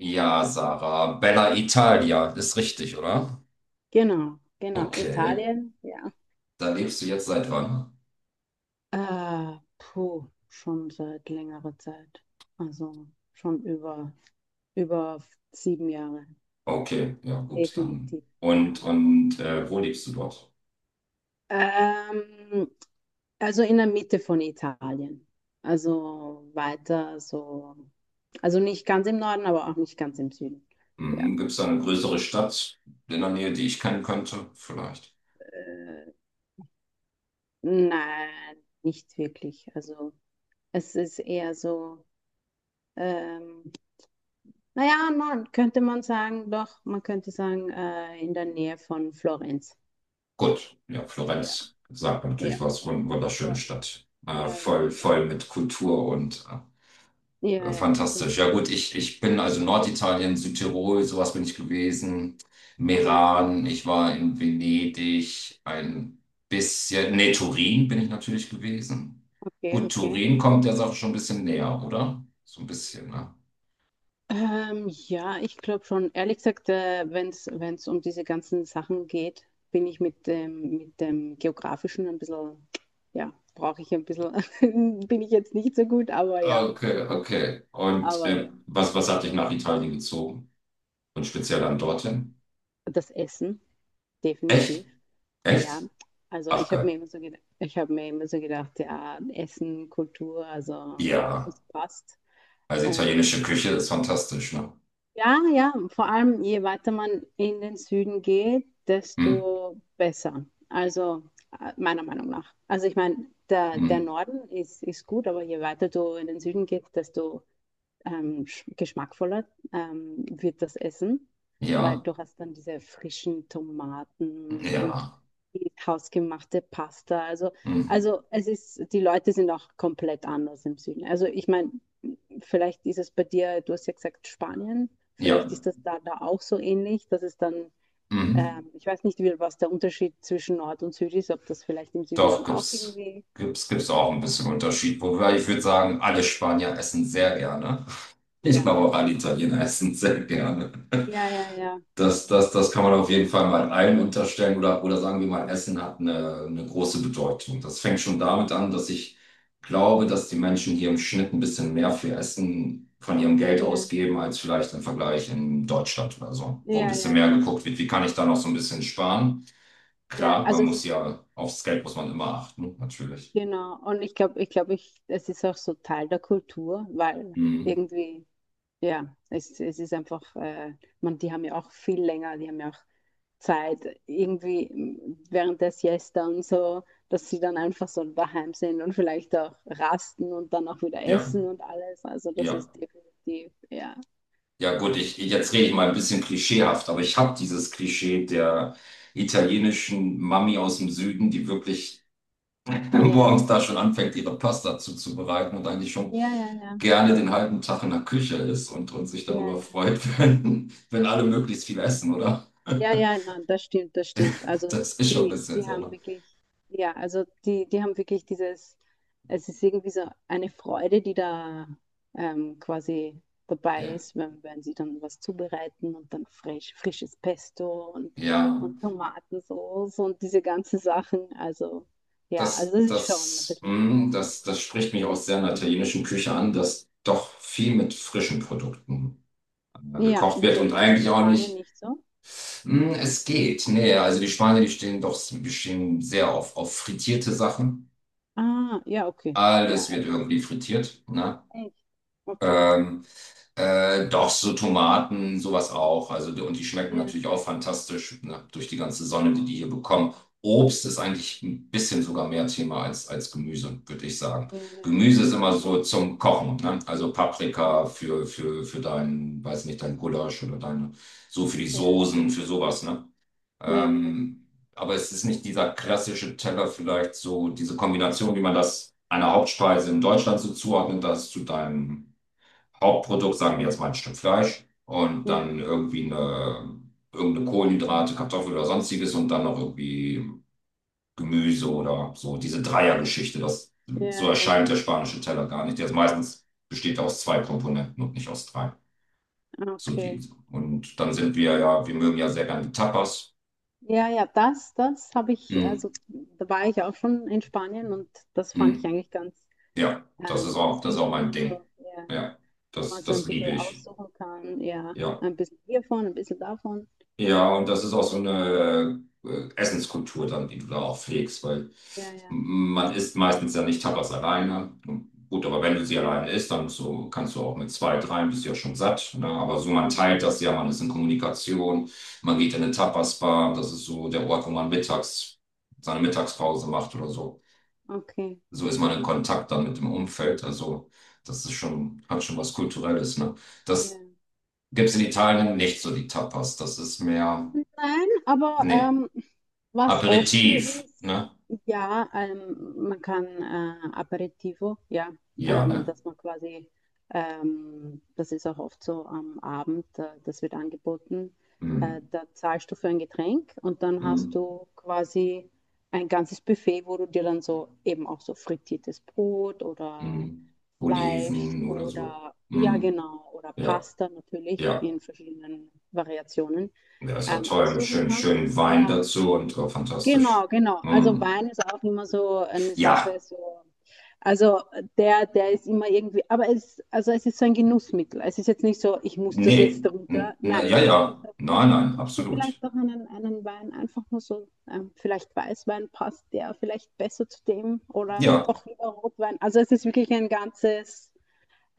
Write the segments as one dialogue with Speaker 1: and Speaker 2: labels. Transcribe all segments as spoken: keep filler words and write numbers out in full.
Speaker 1: Ja, Sarah, Bella Italia, ist richtig, oder?
Speaker 2: Genau, genau.
Speaker 1: Okay,
Speaker 2: Italien, ja.
Speaker 1: da lebst du jetzt seit wann?
Speaker 2: Äh, puh, schon seit längerer Zeit. Also schon über, über sieben Jahre.
Speaker 1: Okay, ja gut,
Speaker 2: Definitiv,
Speaker 1: dann. Und,
Speaker 2: ja.
Speaker 1: und äh, wo lebst du dort?
Speaker 2: Ähm, also in der Mitte von Italien. Also weiter so. Also nicht ganz im Norden, aber auch nicht ganz im Süden. Ja.
Speaker 1: Mhm. Gibt es da eine größere Stadt in der Nähe, die ich kennen könnte? Vielleicht.
Speaker 2: Äh, nein, nicht wirklich. Also es ist eher so. ähm, Naja, man könnte man sagen, doch, man könnte sagen, äh, in der Nähe von Florenz.
Speaker 1: Gut, ja,
Speaker 2: Ja,
Speaker 1: Florenz sagt mir natürlich
Speaker 2: ja,
Speaker 1: was,
Speaker 2: voll,
Speaker 1: wund- wunderschöne
Speaker 2: voll.
Speaker 1: Stadt. Äh,
Speaker 2: Ja, ja,
Speaker 1: voll,
Speaker 2: genau.
Speaker 1: voll mit Kultur und äh,
Speaker 2: Ja,
Speaker 1: Äh,
Speaker 2: ja, genau.
Speaker 1: Fantastisch. Ja gut, ich, ich bin also
Speaker 2: Gut,
Speaker 1: Norditalien, Südtirol, sowas bin ich gewesen.
Speaker 2: ah, okay,
Speaker 1: Meran, ich war in Venedig, ein bisschen, nee, Turin bin ich natürlich gewesen.
Speaker 2: okay,
Speaker 1: Gut,
Speaker 2: okay.
Speaker 1: Turin kommt der Sache schon ein bisschen näher, oder? So ein bisschen, ne?
Speaker 2: Ähm, ja, ich glaube schon, ehrlich gesagt, äh, wenn es wenn es um diese ganzen Sachen geht, bin ich mit dem, mit dem Geografischen ein bisschen, ja, brauche ich ein bisschen, bin ich jetzt nicht so gut, aber ja,
Speaker 1: Okay, okay. Und
Speaker 2: aber
Speaker 1: äh,
Speaker 2: ja.
Speaker 1: was, was hat dich nach Italien gezogen? Und speziell dann dorthin?
Speaker 2: Das Essen.
Speaker 1: Echt?
Speaker 2: Definitiv. Ja,
Speaker 1: Echt?
Speaker 2: also
Speaker 1: Ach
Speaker 2: ich habe
Speaker 1: geil.
Speaker 2: mir immer so gedacht, ich habe mir immer so gedacht, ja, Essen, Kultur, also
Speaker 1: Ja,
Speaker 2: das passt.
Speaker 1: also
Speaker 2: Und
Speaker 1: italienische
Speaker 2: äh,
Speaker 1: Küche ist fantastisch, ne?
Speaker 2: ja, ja, vor allem je weiter man in den Süden geht,
Speaker 1: Hm,
Speaker 2: desto besser. Also äh, meiner Meinung nach. Also ich meine, der,
Speaker 1: hm,
Speaker 2: der Norden ist, ist gut, aber je weiter du in den Süden gehst, desto ähm, geschmackvoller ähm, wird das Essen, weil
Speaker 1: ja,
Speaker 2: du hast dann diese frischen Tomaten und, und
Speaker 1: ja.
Speaker 2: die hausgemachte Pasta. Also,
Speaker 1: Hm.
Speaker 2: also es ist, die Leute sind auch komplett anders im Süden. Also ich meine, vielleicht ist es bei dir, du hast ja gesagt Spanien,
Speaker 1: Ja,
Speaker 2: vielleicht ist das da, da auch so ähnlich, dass es dann,
Speaker 1: mhm.
Speaker 2: ähm, ich weiß nicht, wie, was der Unterschied zwischen Nord und Süd ist, ob das vielleicht im Süden
Speaker 1: Doch,
Speaker 2: dann auch
Speaker 1: gibt's,
Speaker 2: irgendwie,
Speaker 1: gibt's, gibt's auch ein bisschen Unterschied. Wobei ich würde sagen, alle Spanier essen sehr gerne. Ich
Speaker 2: ja,
Speaker 1: glaube
Speaker 2: ja,
Speaker 1: auch alle Italiener essen sehr gerne.
Speaker 2: ja, ja, ja,
Speaker 1: Das, das, das kann man auf
Speaker 2: definitiv.
Speaker 1: jeden Fall mal allen unterstellen oder, oder sagen wir mal, Essen hat eine, eine große Bedeutung. Das fängt schon damit an, dass ich glaube, dass die Menschen hier im Schnitt ein bisschen mehr für Essen von ihrem Geld
Speaker 2: Ja,
Speaker 1: ausgeben, als vielleicht im Vergleich in Deutschland oder so, wo ein
Speaker 2: ja,
Speaker 1: bisschen
Speaker 2: ja,
Speaker 1: mehr
Speaker 2: ja.
Speaker 1: geguckt wird, wie kann ich da noch so ein bisschen sparen.
Speaker 2: Ja,
Speaker 1: Klar,
Speaker 2: also
Speaker 1: man
Speaker 2: es
Speaker 1: muss
Speaker 2: ist
Speaker 1: ja, aufs Geld muss man immer achten, natürlich.
Speaker 2: genau. Und ich glaube, ich glaube, ich, es ist auch so Teil der Kultur, weil
Speaker 1: Mhm.
Speaker 2: irgendwie, ja, es, es ist einfach, äh, man, die haben ja auch viel länger, die haben ja auch Zeit, irgendwie m, während der Siesta und so, dass sie dann einfach so daheim sind und vielleicht auch rasten und dann auch wieder
Speaker 1: Ja,
Speaker 2: essen und alles. Also das
Speaker 1: ja.
Speaker 2: ist definitiv, ja.
Speaker 1: Ja, gut, ich, jetzt rede ich mal ein bisschen klischeehaft, aber ich habe dieses Klischee der italienischen Mami aus dem Süden, die wirklich
Speaker 2: Ja,
Speaker 1: morgens da schon anfängt, ihre Pasta zuzubereiten und eigentlich schon
Speaker 2: ja, ja, ja,
Speaker 1: gerne den halben Tag in der Küche ist und, und sich
Speaker 2: ja,
Speaker 1: darüber
Speaker 2: ja.
Speaker 1: freut, wenn, wenn alle möglichst viel essen, oder?
Speaker 2: Ja, ja, na, das stimmt, das stimmt. Also
Speaker 1: Das ist schon ein
Speaker 2: die,
Speaker 1: bisschen
Speaker 2: die
Speaker 1: so,
Speaker 2: haben
Speaker 1: ne?
Speaker 2: wirklich, ja, also die, die haben wirklich dieses, es ist irgendwie so eine Freude, die da ähm, quasi dabei
Speaker 1: Ja.
Speaker 2: ist, wenn, wenn sie dann was zubereiten und dann frisch, frisches Pesto und,
Speaker 1: Ja.
Speaker 2: und Tomatensauce und diese ganzen Sachen. Also ja,
Speaker 1: Das,
Speaker 2: also das ist schon ein
Speaker 1: das,
Speaker 2: bisschen
Speaker 1: mh,
Speaker 2: anders.
Speaker 1: das, das spricht mich aus sehr einer italienischen Küche an, dass doch viel mit frischen Produkten äh,
Speaker 2: Ja,
Speaker 1: gekocht wird
Speaker 2: wieso
Speaker 1: und
Speaker 2: ist das in
Speaker 1: eigentlich auch
Speaker 2: Spanien
Speaker 1: nicht,
Speaker 2: nicht so?
Speaker 1: mh, es geht. Nee, also die Spanier, die stehen doch, die stehen sehr auf, auf frittierte Sachen.
Speaker 2: Ah, ja, okay. Ja,
Speaker 1: Alles
Speaker 2: e-
Speaker 1: wird irgendwie frittiert, ne?
Speaker 2: echt. Okay.
Speaker 1: Ähm, Äh, doch, so Tomaten, sowas auch. Also, und die schmecken
Speaker 2: Ja,
Speaker 1: natürlich auch fantastisch, ne, durch die ganze Sonne, die die hier bekommen. Obst ist eigentlich ein bisschen sogar mehr Thema als, als Gemüse, würde ich sagen.
Speaker 2: ja, ja,
Speaker 1: Gemüse ist immer so zum Kochen, ne? Also
Speaker 2: ja,
Speaker 1: Paprika für, für, für dein, weiß nicht, dein Gulasch oder deine, so für die
Speaker 2: ja.
Speaker 1: Soßen, für sowas, ne?
Speaker 2: Ja, ja, ja,
Speaker 1: Ähm, aber es ist nicht dieser klassische Teller, vielleicht so diese Kombination, wie man das einer Hauptspeise in Deutschland so zuordnet, das zu deinem Hauptprodukt, sagen wir jetzt mal ein Stück Fleisch und
Speaker 2: ja,
Speaker 1: dann irgendwie eine, irgendeine Kohlenhydrate, Kartoffel oder sonstiges und dann noch irgendwie Gemüse oder so. Diese Dreiergeschichte, das,
Speaker 2: ja,
Speaker 1: so
Speaker 2: ja,
Speaker 1: erscheint der spanische Teller gar nicht. Der ist meistens besteht aus zwei Komponenten und nicht aus drei.
Speaker 2: ja,
Speaker 1: So
Speaker 2: okay.
Speaker 1: die, und dann sind wir ja, wir mögen ja sehr gerne die Tapas.
Speaker 2: Ja, ja, das, das habe ich,
Speaker 1: Hm,
Speaker 2: also da war ich auch schon in Spanien und das fand ich
Speaker 1: hm.
Speaker 2: eigentlich ganz
Speaker 1: Ja, das ist
Speaker 2: ähm,
Speaker 1: auch, das ist
Speaker 2: süß,
Speaker 1: auch
Speaker 2: wo
Speaker 1: mein
Speaker 2: man so,
Speaker 1: Ding.
Speaker 2: ja,
Speaker 1: Ja,
Speaker 2: wo man
Speaker 1: das,
Speaker 2: so ein
Speaker 1: das liebe
Speaker 2: bisschen
Speaker 1: ich.
Speaker 2: aussuchen kann, ja,
Speaker 1: Ja.
Speaker 2: ein bisschen hiervon, ein bisschen davon.
Speaker 1: Ja, und das ist auch so eine äh, Essenskultur dann, die du da auch pflegst, weil
Speaker 2: Ja, ja, ja,
Speaker 1: man isst meistens ja nicht Tapas alleine. Gut, aber wenn du sie
Speaker 2: ja,
Speaker 1: alleine isst, dann musst du, kannst du auch mit zwei, dreien, bist du ja schon satt. Ne? Aber so, man
Speaker 2: ja,
Speaker 1: teilt das ja, man ist in Kommunikation, man geht in eine Tapas-Bar, das ist so der Ort, wo man mittags seine Mittagspause macht oder so.
Speaker 2: okay,
Speaker 1: So ist man in Kontakt dann mit dem Umfeld. Also, das ist schon, hat schon was Kulturelles, ne?
Speaker 2: ja.
Speaker 1: Das gibt's in Italien nicht so, die Tapas. Das ist mehr.
Speaker 2: Nein, aber
Speaker 1: Nee,
Speaker 2: ähm, was oft
Speaker 1: Aperitif,
Speaker 2: hier ist,
Speaker 1: ne?
Speaker 2: ja, ähm, man kann äh, Aperitivo, ja,
Speaker 1: Ja,
Speaker 2: ähm,
Speaker 1: ne?
Speaker 2: dass man quasi, ähm, das ist auch oft so am Abend, äh, das wird angeboten, äh,
Speaker 1: Hm,
Speaker 2: da zahlst du für ein Getränk und dann hast
Speaker 1: hm,
Speaker 2: du quasi ein ganzes Buffet, wo du dir dann so eben auch so frittiertes Brot oder
Speaker 1: hm.
Speaker 2: Fleisch
Speaker 1: Oliven oder so.
Speaker 2: oder, ja
Speaker 1: Hm.
Speaker 2: genau, oder
Speaker 1: Ja,
Speaker 2: Pasta natürlich
Speaker 1: ja.
Speaker 2: in verschiedenen Variationen
Speaker 1: Ja, ist ja
Speaker 2: ähm,
Speaker 1: toll. Mit
Speaker 2: aussuchen
Speaker 1: schön,
Speaker 2: kannst.
Speaker 1: schönen Wein
Speaker 2: Ja,
Speaker 1: dazu und äh,
Speaker 2: genau,
Speaker 1: fantastisch.
Speaker 2: genau. Also
Speaker 1: Hm.
Speaker 2: Wein ist auch immer so eine Sache,
Speaker 1: Ja,
Speaker 2: so. Also der, der ist immer irgendwie, aber es, also es ist so ein Genussmittel. Es ist jetzt nicht so, ich muss das
Speaker 1: nee.
Speaker 2: jetzt darunter.
Speaker 1: N- Na,
Speaker 2: Nein,
Speaker 1: ja,
Speaker 2: es ist wirklich
Speaker 1: ja.
Speaker 2: so,
Speaker 1: Nein, nein,
Speaker 2: willst du
Speaker 1: absolut.
Speaker 2: vielleicht auch einen, einen Wein einfach nur so, ähm, vielleicht Weißwein passt der vielleicht besser zu dem oder
Speaker 1: Ja,
Speaker 2: doch lieber Rotwein. Also es ist wirklich ein ganzes,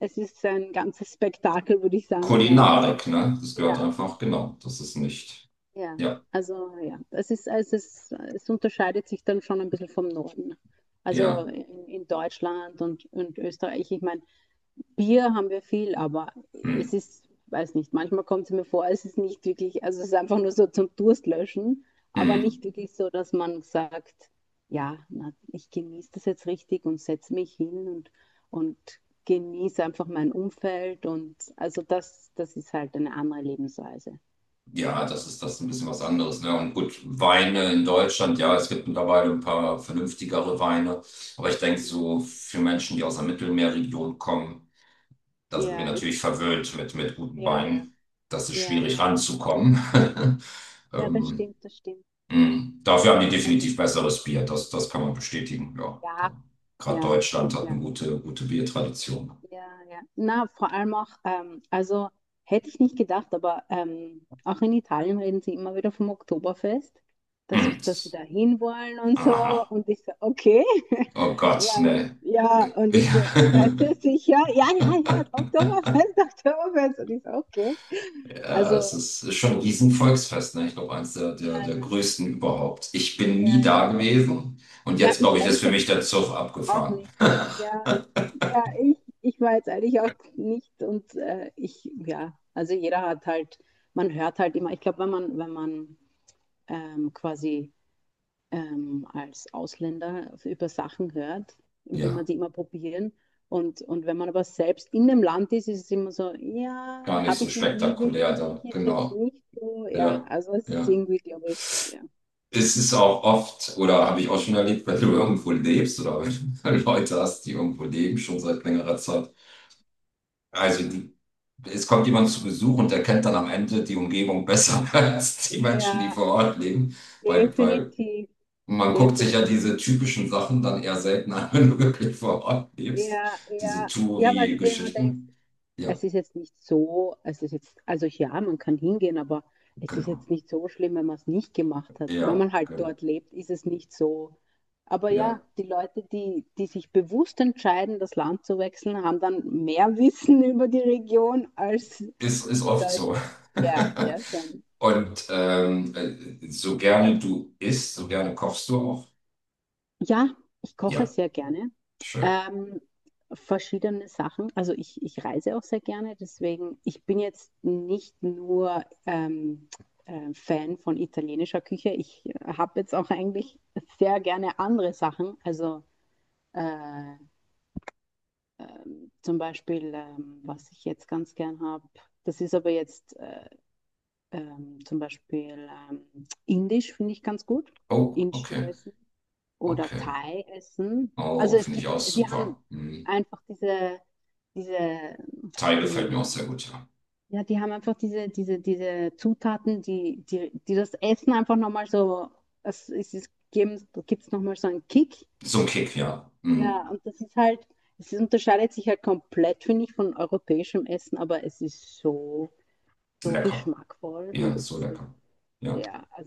Speaker 2: es ist ein ganzes Spektakel, würde ich sagen, weil
Speaker 1: Kulinarik, ne? Das gehört
Speaker 2: ja,
Speaker 1: einfach, genau. Das ist nicht.
Speaker 2: ja,
Speaker 1: Ja,
Speaker 2: also ja, es ist, es ist, es unterscheidet sich dann schon ein bisschen vom Norden. Also
Speaker 1: ja.
Speaker 2: in, in Deutschland und, und Österreich, ich meine, Bier haben wir viel, aber
Speaker 1: Hm,
Speaker 2: es ist, weiß nicht, manchmal kommt es mir vor, es ist nicht wirklich, also es ist einfach nur so zum Durstlöschen, aber nicht
Speaker 1: hm.
Speaker 2: wirklich so, dass man sagt, ja, na, ich genieße das jetzt richtig und setze mich hin und, und genieße einfach mein Umfeld und also das, das ist halt eine andere Lebensweise.
Speaker 1: Ja, das ist das ist ein bisschen was anderes, ne? Und gut, Weine in Deutschland, ja, es gibt mittlerweile ein paar vernünftigere Weine. Aber ich denke,
Speaker 2: Ja,
Speaker 1: so für Menschen, die aus der Mittelmeerregion kommen, da sind wir
Speaker 2: ja es
Speaker 1: natürlich
Speaker 2: ist.
Speaker 1: verwöhnt mit, mit guten
Speaker 2: Ja, ja,
Speaker 1: Weinen. Das ist
Speaker 2: ja,
Speaker 1: schwierig
Speaker 2: ja.
Speaker 1: ranzukommen.
Speaker 2: Ja, das
Speaker 1: Ähm,
Speaker 2: stimmt, das stimmt.
Speaker 1: mh. Dafür haben die
Speaker 2: Also
Speaker 1: definitiv besseres Bier. Das, das kann man bestätigen, ja. So,
Speaker 2: ja,
Speaker 1: gerade
Speaker 2: ja,
Speaker 1: Deutschland hat
Speaker 2: sicher.
Speaker 1: eine gute, gute Biertradition.
Speaker 2: Ja, ja. Na, vor allem auch, ähm, also hätte ich nicht gedacht, aber ähm, auch in Italien reden sie immer wieder vom Oktoberfest, dass,
Speaker 1: Mhm.
Speaker 2: dass sie da hinwollen und so.
Speaker 1: Aha.
Speaker 2: Und ich so, okay,
Speaker 1: Oh Gott,
Speaker 2: weil,
Speaker 1: ne.
Speaker 2: ja, und ich so, seid ihr sicher? Ja, ja, ja, Oktoberfest, Oktoberfest. Und ich so, okay.
Speaker 1: Ja, es
Speaker 2: Also,
Speaker 1: ist ist schon ein Riesenvolksfest, ne? Ich glaube, eins der, der,
Speaker 2: ja,
Speaker 1: der
Speaker 2: ja,
Speaker 1: größten überhaupt. Ich bin
Speaker 2: ja,
Speaker 1: nie
Speaker 2: ja.
Speaker 1: da gewesen und
Speaker 2: Ja,
Speaker 1: jetzt, glaube
Speaker 2: ich
Speaker 1: ich,
Speaker 2: ehrlich
Speaker 1: ist für
Speaker 2: gesagt
Speaker 1: mich der Zug
Speaker 2: auch
Speaker 1: abgefahren.
Speaker 2: nicht. Ja, ja, ich, ich war jetzt eigentlich auch nicht und äh, ich, ja, also jeder hat halt, man hört halt immer, ich glaube, wenn man, wenn man ähm, quasi ähm, als Ausländer über Sachen hört, will man
Speaker 1: Ja,
Speaker 2: sie immer probieren. Und, und wenn man aber selbst in dem Land ist, ist es immer so, ja,
Speaker 1: gar nicht
Speaker 2: habe
Speaker 1: so
Speaker 2: ich noch nie
Speaker 1: spektakulär
Speaker 2: wirklich,
Speaker 1: da,
Speaker 2: ist jetzt
Speaker 1: genau.
Speaker 2: nicht so, ja,
Speaker 1: Ja,
Speaker 2: also es ist
Speaker 1: ja.
Speaker 2: irgendwie, glaube ich, ja.
Speaker 1: Es ist auch oft, oder habe ich auch schon erlebt, wenn du irgendwo lebst oder wenn du Leute hast, die irgendwo leben, schon seit längerer Zeit. Also, die, es kommt jemand zu Besuch und der kennt dann am Ende die Umgebung besser als die Menschen, die
Speaker 2: Ja,
Speaker 1: vor Ort leben, weil, weil
Speaker 2: definitiv,
Speaker 1: und man guckt sich ja
Speaker 2: definitiv.
Speaker 1: diese typischen Sachen dann eher selten an, wenn du wirklich vor Ort lebst.
Speaker 2: Ja,
Speaker 1: Diese
Speaker 2: ja, ja, weil du dir immer denkst,
Speaker 1: Touri-Geschichten. Ja,
Speaker 2: es ist jetzt nicht so, es ist jetzt, also ja, man kann hingehen, aber es ist
Speaker 1: genau.
Speaker 2: jetzt nicht so schlimm, wenn man es nicht gemacht hat. Wenn
Speaker 1: Ja,
Speaker 2: man halt
Speaker 1: genau.
Speaker 2: dort lebt, ist es nicht so. Aber
Speaker 1: Ja,
Speaker 2: ja, die Leute, die, die sich bewusst entscheiden, das Land zu wechseln, haben dann mehr Wissen über die Region als die
Speaker 1: ist, ist oft so.
Speaker 2: Leute. Ja, ja, schon.
Speaker 1: Und ähm, äh, so gerne du isst, so gerne kochst du auch.
Speaker 2: Ja, ich koche
Speaker 1: Ja,
Speaker 2: sehr gerne.
Speaker 1: schön.
Speaker 2: Ähm, Verschiedene Sachen. Also ich, ich reise auch sehr gerne, deswegen, ich bin jetzt nicht nur ähm, äh, Fan von italienischer Küche. Ich habe jetzt auch eigentlich sehr gerne andere Sachen. Also äh, ähm, zum Beispiel, ähm, was ich jetzt ganz gern habe, das ist aber jetzt äh, ähm, zum Beispiel ähm, indisch, finde ich ganz gut.
Speaker 1: Oh,
Speaker 2: Indisches
Speaker 1: okay,
Speaker 2: Essen oder
Speaker 1: okay.
Speaker 2: Thai essen.
Speaker 1: Oh,
Speaker 2: Also es
Speaker 1: finde ich auch
Speaker 2: gibt, die haben
Speaker 1: super. Mhm.
Speaker 2: einfach diese, diese,
Speaker 1: Thai gefällt mir auch
Speaker 2: diesen,
Speaker 1: sehr gut, ja.
Speaker 2: ja, die haben einfach diese, diese, diese Zutaten, die, die, die das Essen einfach nochmal so, es, es ist, geben, da gibt es nochmal so einen Kick.
Speaker 1: So ein Kick, ja. Mhm.
Speaker 2: Ja, und das ist halt, es ist, unterscheidet sich halt komplett, finde ich, von europäischem Essen, aber es ist so, so
Speaker 1: Lecker.
Speaker 2: geschmackvoll und
Speaker 1: Ja,
Speaker 2: es
Speaker 1: so
Speaker 2: ist,
Speaker 1: lecker. Ja.
Speaker 2: ja, also